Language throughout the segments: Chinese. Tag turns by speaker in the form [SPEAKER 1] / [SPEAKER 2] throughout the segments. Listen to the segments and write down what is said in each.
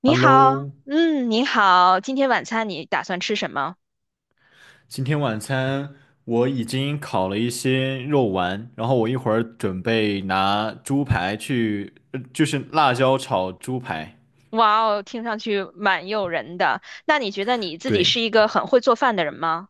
[SPEAKER 1] 你好。
[SPEAKER 2] Hello，
[SPEAKER 1] 嗯，你好，今天晚餐你打算吃什么？
[SPEAKER 2] 今天晚餐我已经烤了一些肉丸，然后我一会儿准备拿猪排去，就是辣椒炒猪排。
[SPEAKER 1] 哇哦，听上去蛮诱人的。那你觉得你自己
[SPEAKER 2] 对，
[SPEAKER 1] 是一个很会做饭的人吗？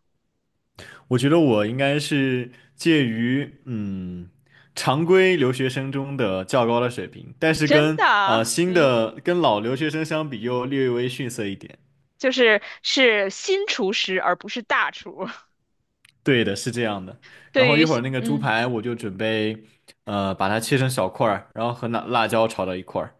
[SPEAKER 2] 我觉得我应该是介于常规留学生中的较高的水平，但是
[SPEAKER 1] 真
[SPEAKER 2] 跟
[SPEAKER 1] 的啊，
[SPEAKER 2] 新
[SPEAKER 1] 嗯，
[SPEAKER 2] 的跟老留学生相比又略微逊色一点。
[SPEAKER 1] 就是新厨师而不是大厨。
[SPEAKER 2] 对的，是这样的。然
[SPEAKER 1] 对
[SPEAKER 2] 后一
[SPEAKER 1] 于
[SPEAKER 2] 会儿
[SPEAKER 1] 新。
[SPEAKER 2] 那个猪排我就准备把它切成小块儿，然后和那辣椒炒到一块儿。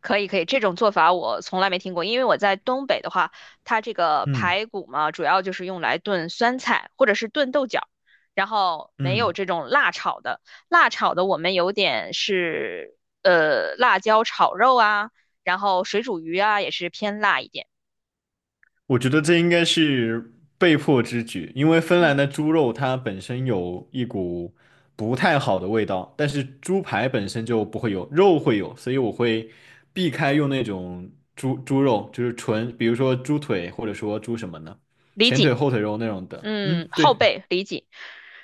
[SPEAKER 1] 可以可以，这种做法我从来没听过，因为我在东北的话，它这个
[SPEAKER 2] 嗯。
[SPEAKER 1] 排骨嘛，主要就是用来炖酸菜或者是炖豆角，然后没有
[SPEAKER 2] 嗯，
[SPEAKER 1] 这种辣炒的。辣炒的我们有点是辣椒炒肉啊，然后水煮鱼啊也是偏辣一点。
[SPEAKER 2] 我觉得这应该是被迫之举，因为芬
[SPEAKER 1] 嗯，
[SPEAKER 2] 兰的猪肉它本身有一股不太好的味道，但是猪排本身就不会有，肉会有，所以我会避开用那种猪肉，就是纯，比如说猪腿或者说猪什么呢，
[SPEAKER 1] 理
[SPEAKER 2] 前
[SPEAKER 1] 解。
[SPEAKER 2] 腿后腿肉那种的。
[SPEAKER 1] 嗯，
[SPEAKER 2] 嗯，
[SPEAKER 1] 后
[SPEAKER 2] 对
[SPEAKER 1] 背理解。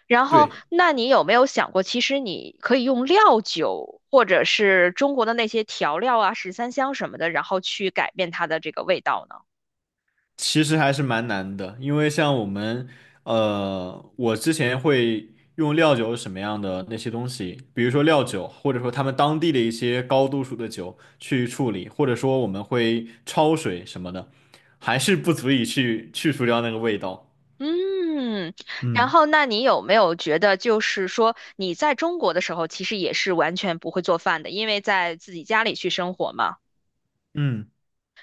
[SPEAKER 1] 然后，
[SPEAKER 2] 对。
[SPEAKER 1] 那你有没有想过，其实你可以用料酒或者是中国的那些调料啊，十三香什么的，然后去改变它的这个味道呢？
[SPEAKER 2] 其实还是蛮难的，因为像我们，我之前会用料酒什么样的那些东西，比如说料酒，或者说他们当地的一些高度数的酒去处理，或者说我们会焯水什么的，还是不足以去去除掉那个味道。
[SPEAKER 1] 嗯，然
[SPEAKER 2] 嗯
[SPEAKER 1] 后那你有没有觉得，就是说你在中国的时候，其实也是完全不会做饭的，因为在自己家里去生活嘛。
[SPEAKER 2] 嗯，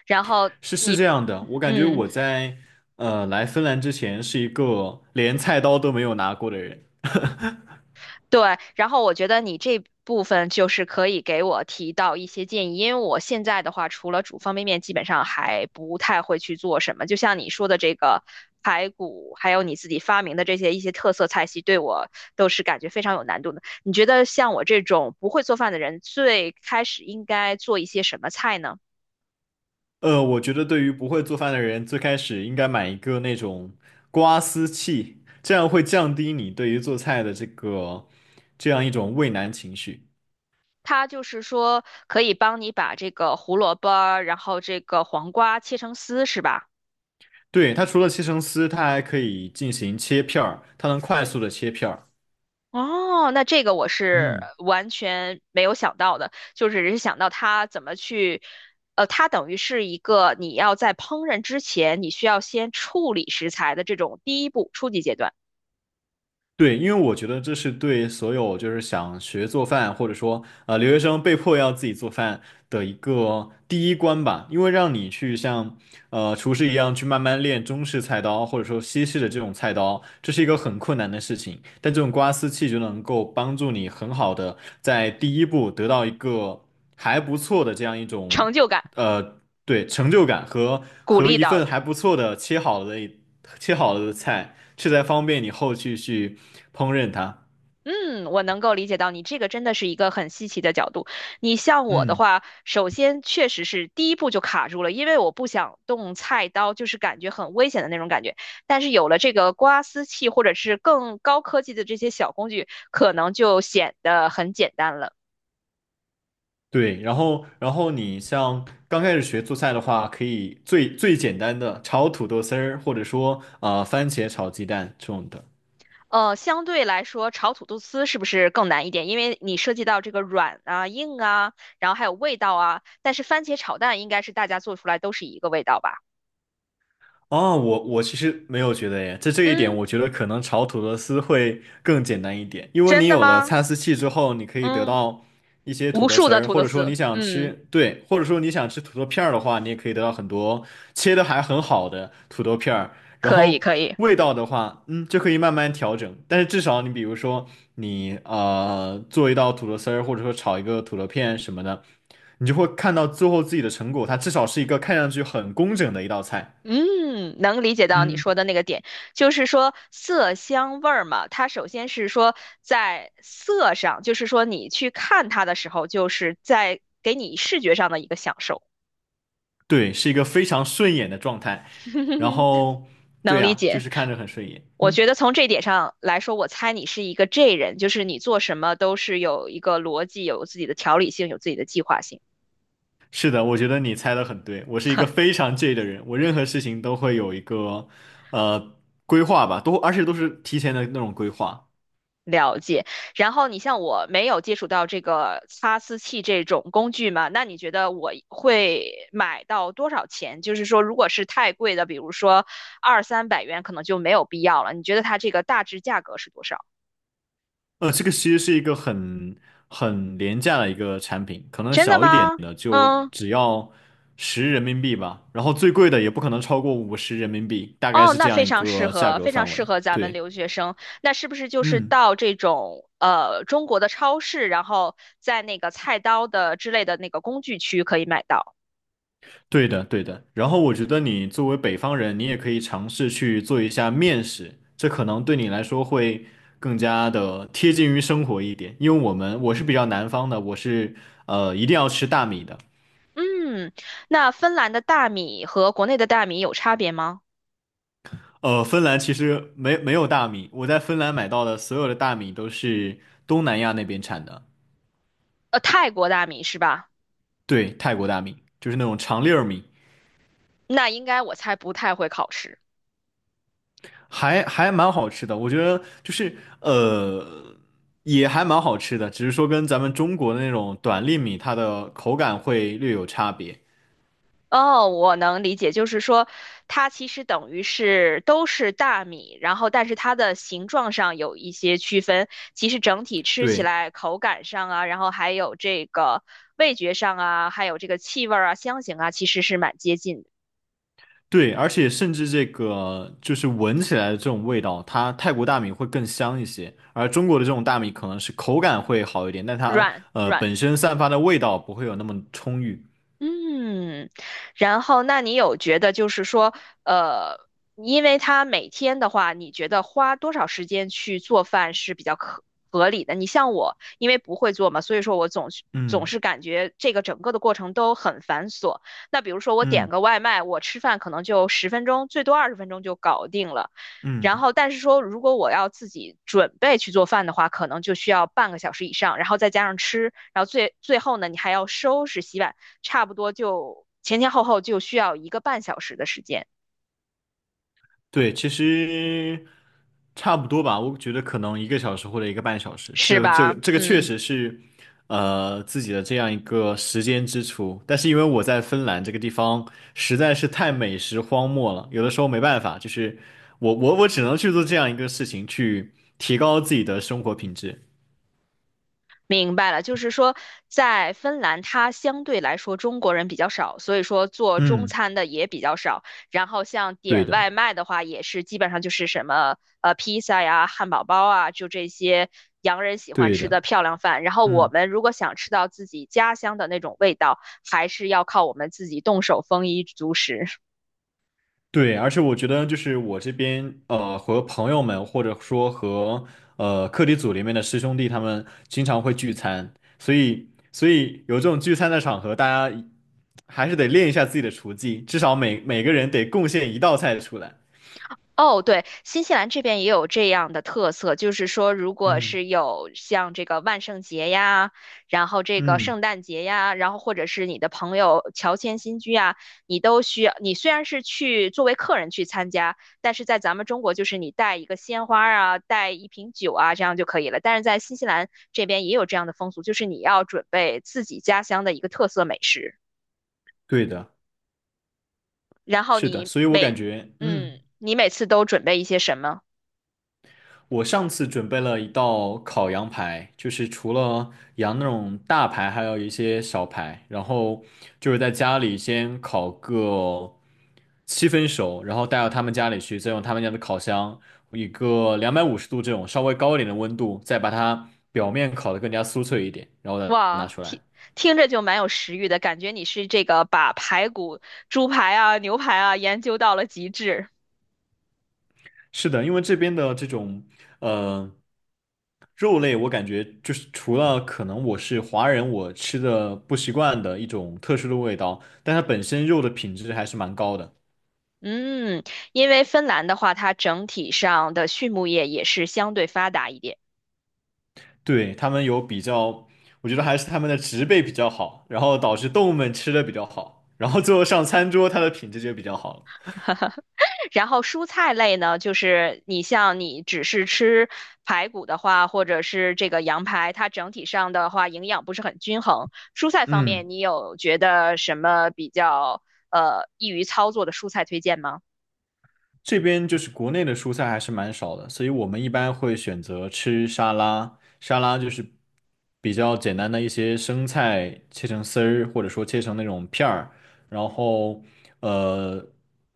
[SPEAKER 1] 然后，
[SPEAKER 2] 是这样的，我感觉
[SPEAKER 1] 嗯。
[SPEAKER 2] 我在来芬兰之前是一个连菜刀都没有拿过的人。
[SPEAKER 1] 对，然后我觉得你这部分就是可以给我提到一些建议，因为我现在的话，除了煮方便面，基本上还不太会去做什么。就像你说的这个排骨，还有你自己发明的这些一些特色菜系，对我都是感觉非常有难度的。你觉得像我这种不会做饭的人，最开始应该做一些什么菜呢？
[SPEAKER 2] 我觉得对于不会做饭的人，最开始应该买一个那种刮丝器，这样会降低你对于做菜的这样一种畏难情绪。
[SPEAKER 1] 它就是说可以帮你把这个胡萝卜，然后这个黄瓜切成丝，是吧？
[SPEAKER 2] 对，它除了切成丝，它还可以进行切片儿，它能快速的切片儿。
[SPEAKER 1] 哦，那这个我是
[SPEAKER 2] 嗯。
[SPEAKER 1] 完全没有想到的，就只是想到它怎么去，呃，它等于是一个你要在烹饪之前，你需要先处理食材的这种第一步初级阶段，
[SPEAKER 2] 对，因为我觉得这是对所有就是想学做饭，或者说留学生被迫要自己做饭的一个第一关吧。因为让你去像厨师一样去慢慢练中式菜刀，或者说西式的这种菜刀，这是一个很困难的事情。但这种刮丝器就能够帮助你很好的在第一步得到一个还不错的这样一种。
[SPEAKER 1] 成就感
[SPEAKER 2] 对，成就感和
[SPEAKER 1] 鼓
[SPEAKER 2] 和
[SPEAKER 1] 励
[SPEAKER 2] 一
[SPEAKER 1] 到
[SPEAKER 2] 份
[SPEAKER 1] 了。
[SPEAKER 2] 还不错的切好了的菜，这才方便你后续去烹饪它。
[SPEAKER 1] 嗯，我能够理解到你这个真的是一个很稀奇的角度。你像我的
[SPEAKER 2] 嗯
[SPEAKER 1] 话，首先确实是第一步就卡住了，因为我不想动菜刀，就是感觉很危险的那种感觉。但是有了这个刮丝器或者是更高科技的这些小工具，可能就显得很简单了。
[SPEAKER 2] 对，然后你像刚开始学做菜的话，可以最简单的炒土豆丝儿，或者说啊番茄炒鸡蛋这种的。
[SPEAKER 1] 呃，相对来说，炒土豆丝是不是更难一点？因为你涉及到这个软啊、硬啊，然后还有味道啊。但是番茄炒蛋应该是大家做出来都是一个味道吧？
[SPEAKER 2] 哦，我其实没有觉得耶，在这一点，
[SPEAKER 1] 嗯，
[SPEAKER 2] 我觉得可能炒土豆丝会更简单一点，因为
[SPEAKER 1] 真
[SPEAKER 2] 你
[SPEAKER 1] 的
[SPEAKER 2] 有了
[SPEAKER 1] 吗？
[SPEAKER 2] 擦丝器之后，你可以得
[SPEAKER 1] 嗯。
[SPEAKER 2] 到一些土
[SPEAKER 1] 无
[SPEAKER 2] 豆
[SPEAKER 1] 数
[SPEAKER 2] 丝
[SPEAKER 1] 的
[SPEAKER 2] 儿，
[SPEAKER 1] 土
[SPEAKER 2] 或
[SPEAKER 1] 豆
[SPEAKER 2] 者说
[SPEAKER 1] 丝，
[SPEAKER 2] 你想
[SPEAKER 1] 嗯，
[SPEAKER 2] 吃，对，或者说你想吃土豆片儿的话，你也可以得到很多切的还很好的土豆片儿，然
[SPEAKER 1] 可以
[SPEAKER 2] 后
[SPEAKER 1] 可以，
[SPEAKER 2] 味道的话，嗯，就可以慢慢调整，但是至少你比如说你做一道土豆丝儿，或者说炒一个土豆片什么的，你就会看到最后自己的成果，它至少是一个看上去很工整的一道菜。
[SPEAKER 1] 嗯，能理解到你
[SPEAKER 2] 嗯。
[SPEAKER 1] 说的那个点，就是说色香味儿嘛，它首先是说在色上，就是说你去看它的时候，就是在给你视觉上的一个享受，
[SPEAKER 2] 对，是一个非常顺眼的状态。然 后，对
[SPEAKER 1] 能理
[SPEAKER 2] 呀，就
[SPEAKER 1] 解。
[SPEAKER 2] 是看着很顺眼。
[SPEAKER 1] 我
[SPEAKER 2] 嗯，
[SPEAKER 1] 觉得从这点上来说，我猜你是一个 J 人，就是你做什么都是有一个逻辑，有自己的条理性，有自己的计划性。
[SPEAKER 2] 是的，我觉得你猜的很对。我是一个非常介意的人，我任何事情都会有一个呃规划吧，而且都是提前的那种规划。
[SPEAKER 1] 了解。然后你像我没有接触到这个擦丝器这种工具嘛，那你觉得我会买到多少钱？就是说，如果是太贵的，比如说二三百元，可能就没有必要了。你觉得它这个大致价格是多少？
[SPEAKER 2] 这个其实是一个很廉价的一个产品，可能
[SPEAKER 1] 真的
[SPEAKER 2] 小一点
[SPEAKER 1] 吗？
[SPEAKER 2] 的就
[SPEAKER 1] 嗯，
[SPEAKER 2] 只要十人民币吧，然后最贵的也不可能超过50人民币，大概
[SPEAKER 1] 哦，
[SPEAKER 2] 是这
[SPEAKER 1] 那
[SPEAKER 2] 样
[SPEAKER 1] 非
[SPEAKER 2] 一
[SPEAKER 1] 常适
[SPEAKER 2] 个价
[SPEAKER 1] 合，
[SPEAKER 2] 格
[SPEAKER 1] 非常
[SPEAKER 2] 范
[SPEAKER 1] 适
[SPEAKER 2] 围。
[SPEAKER 1] 合咱们
[SPEAKER 2] 对，
[SPEAKER 1] 留学生。那是不是就是
[SPEAKER 2] 嗯。
[SPEAKER 1] 到这种中国的超市，然后在那个菜刀的之类的那个工具区可以买到？
[SPEAKER 2] 对的，对的。然后我觉得你作为北方人，你也可以尝试去做一下面食，这可能对你来说会更加的贴近于生活一点。因为我们我是比较南方的，我是一定要吃大米的。
[SPEAKER 1] 嗯，那芬兰的大米和国内的大米有差别吗？
[SPEAKER 2] 芬兰其实没有大米，我在芬兰买到的所有的大米都是东南亚那边产的，
[SPEAKER 1] 呃，泰国大米是吧？
[SPEAKER 2] 对，泰国大米，就是那种长粒儿米。
[SPEAKER 1] 那应该我猜不太会考试。
[SPEAKER 2] 还蛮好吃的，我觉得就是也还蛮好吃的，只是说跟咱们中国的那种短粒米，它的口感会略有差别。
[SPEAKER 1] 哦，我能理解，就是说它其实等于是都是大米，然后但是它的形状上有一些区分，其实整体吃起
[SPEAKER 2] 对
[SPEAKER 1] 来口感上啊，然后还有这个味觉上啊，还有这个气味儿啊、香型啊，其实是蛮接近的，
[SPEAKER 2] 对，而且甚至这个就是闻起来的这种味道，它泰国大米会更香一些，而中国的这种大米可能是口感会好一点，但它
[SPEAKER 1] 软软。
[SPEAKER 2] 本身散发的味道不会有那么充裕。
[SPEAKER 1] 嗯，然后那你有觉得就是说，呃，因为他每天的话，你觉得花多少时间去做饭是比较可合理的？你像我，因为不会做嘛，所以说我总是总
[SPEAKER 2] 嗯
[SPEAKER 1] 是感觉这个整个的过程都很繁琐。那比如说我点
[SPEAKER 2] 嗯
[SPEAKER 1] 个外卖，我吃饭可能就十分钟，最多20分钟就搞定了。然
[SPEAKER 2] 嗯。
[SPEAKER 1] 后，但是说如果我要自己准备去做饭的话，可能就需要半个小时以上，然后再加上吃，然后最后呢，你还要收拾、洗碗。差不多就前前后后就需要一个半小时的时间，
[SPEAKER 2] 对，其实差不多吧，我觉得可能一个小时或者一个半小时，
[SPEAKER 1] 是
[SPEAKER 2] 这个这个
[SPEAKER 1] 吧？
[SPEAKER 2] 这个确
[SPEAKER 1] 嗯，
[SPEAKER 2] 实是，自己的这样一个时间支出。但是因为我在芬兰这个地方实在是太美食荒漠了，有的时候没办法，就是我只能去做这样一个事情，去提高自己的生活品质。
[SPEAKER 1] 明白了，就是说在芬兰，它相对来说中国人比较少，所以说做中
[SPEAKER 2] 嗯，
[SPEAKER 1] 餐的也比较少。然后像
[SPEAKER 2] 对
[SPEAKER 1] 点外
[SPEAKER 2] 的，
[SPEAKER 1] 卖的话，也是基本上就是什么披萨呀、汉堡包啊，就这些洋人喜欢
[SPEAKER 2] 对
[SPEAKER 1] 吃
[SPEAKER 2] 的，
[SPEAKER 1] 的漂亮饭。然后我
[SPEAKER 2] 嗯。
[SPEAKER 1] 们如果想吃到自己家乡的那种味道，还是要靠我们自己动手丰衣足食。
[SPEAKER 2] 对，而且我觉得就是我这边和朋友们或者说和课题组里面的师兄弟他们经常会聚餐，所以有这种聚餐的场合，大家还是得练一下自己的厨技，至少每个人得贡献一道菜出来。
[SPEAKER 1] 哦，对，新西兰这边也有这样的特色，就是说，如果
[SPEAKER 2] 嗯
[SPEAKER 1] 是有像这个万圣节呀，然后这个
[SPEAKER 2] 嗯，
[SPEAKER 1] 圣诞节呀，然后或者是你的朋友乔迁新居啊，你都需要，你虽然是去作为客人去参加，但是在咱们中国就是你带一个鲜花儿啊，带一瓶酒啊，这样就可以了。但是在新西兰这边也有这样的风俗，就是你要准备自己家乡的一个特色美食，
[SPEAKER 2] 对的，
[SPEAKER 1] 然后
[SPEAKER 2] 是的，
[SPEAKER 1] 你
[SPEAKER 2] 所以我感
[SPEAKER 1] 每，
[SPEAKER 2] 觉嗯。
[SPEAKER 1] 嗯，你每次都准备一些什么？
[SPEAKER 2] 我上次准备了一道烤羊排，就是除了羊那种大排，还有一些小排，然后就是在家里先烤个七分熟，然后带到他们家里去，再用他们家的烤箱，一个250度这种稍微高一点的温度，再把它表面烤得更加酥脆一点，然后再拿
[SPEAKER 1] 哇，
[SPEAKER 2] 出来。
[SPEAKER 1] 听听着就蛮有食欲的，感觉你是这个把排骨、猪排啊、牛排啊研究到了极致。
[SPEAKER 2] 是的，因为这边的这种呃肉类，我感觉就是除了可能我是华人，我吃的不习惯的一种特殊的味道，但它本身肉的品质还是蛮高的。
[SPEAKER 1] 嗯，因为芬兰的话，它整体上的畜牧业也是相对发达一点。
[SPEAKER 2] 对，他们有比较，我觉得还是他们的植被比较好，然后导致动物们吃的比较好，然后最后上餐桌它的品质就比较好了。
[SPEAKER 1] 然后蔬菜类呢，就是你像你只是吃排骨的话，或者是这个羊排，它整体上的话营养不是很均衡。蔬菜方面，
[SPEAKER 2] 嗯。
[SPEAKER 1] 你有觉得什么比较易于操作的蔬菜推荐吗？
[SPEAKER 2] 这边就是国内的蔬菜还是蛮少的，所以我们一般会选择吃沙拉。沙拉就是比较简单的一些生菜切成丝儿，或者说切成那种片儿，然后呃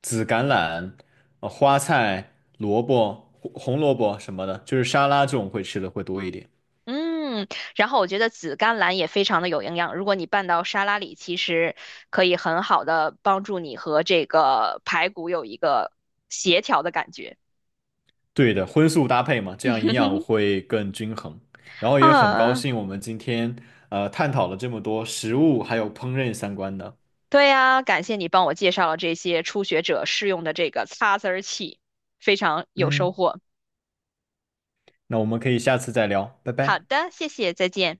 [SPEAKER 2] 紫橄榄、花菜、萝卜、红萝卜什么的，就是沙拉这种会吃的会多一点。
[SPEAKER 1] 嗯，然后我觉得紫甘蓝也非常的有营养，如果你拌到沙拉里，其实可以很好的帮助你和这个排骨有一个协调的感觉
[SPEAKER 2] 对的，荤素搭配嘛，这样营养会更均衡。然后也很高
[SPEAKER 1] 啊。
[SPEAKER 2] 兴我们今天探讨了这么多食物还有烹饪相关的，
[SPEAKER 1] 对呀，感谢你帮我介绍了这些初学者适用的这个擦丝儿器，非常有收
[SPEAKER 2] 嗯。
[SPEAKER 1] 获。
[SPEAKER 2] 那我们可以下次再聊，拜
[SPEAKER 1] 好
[SPEAKER 2] 拜。
[SPEAKER 1] 的，谢谢，再见。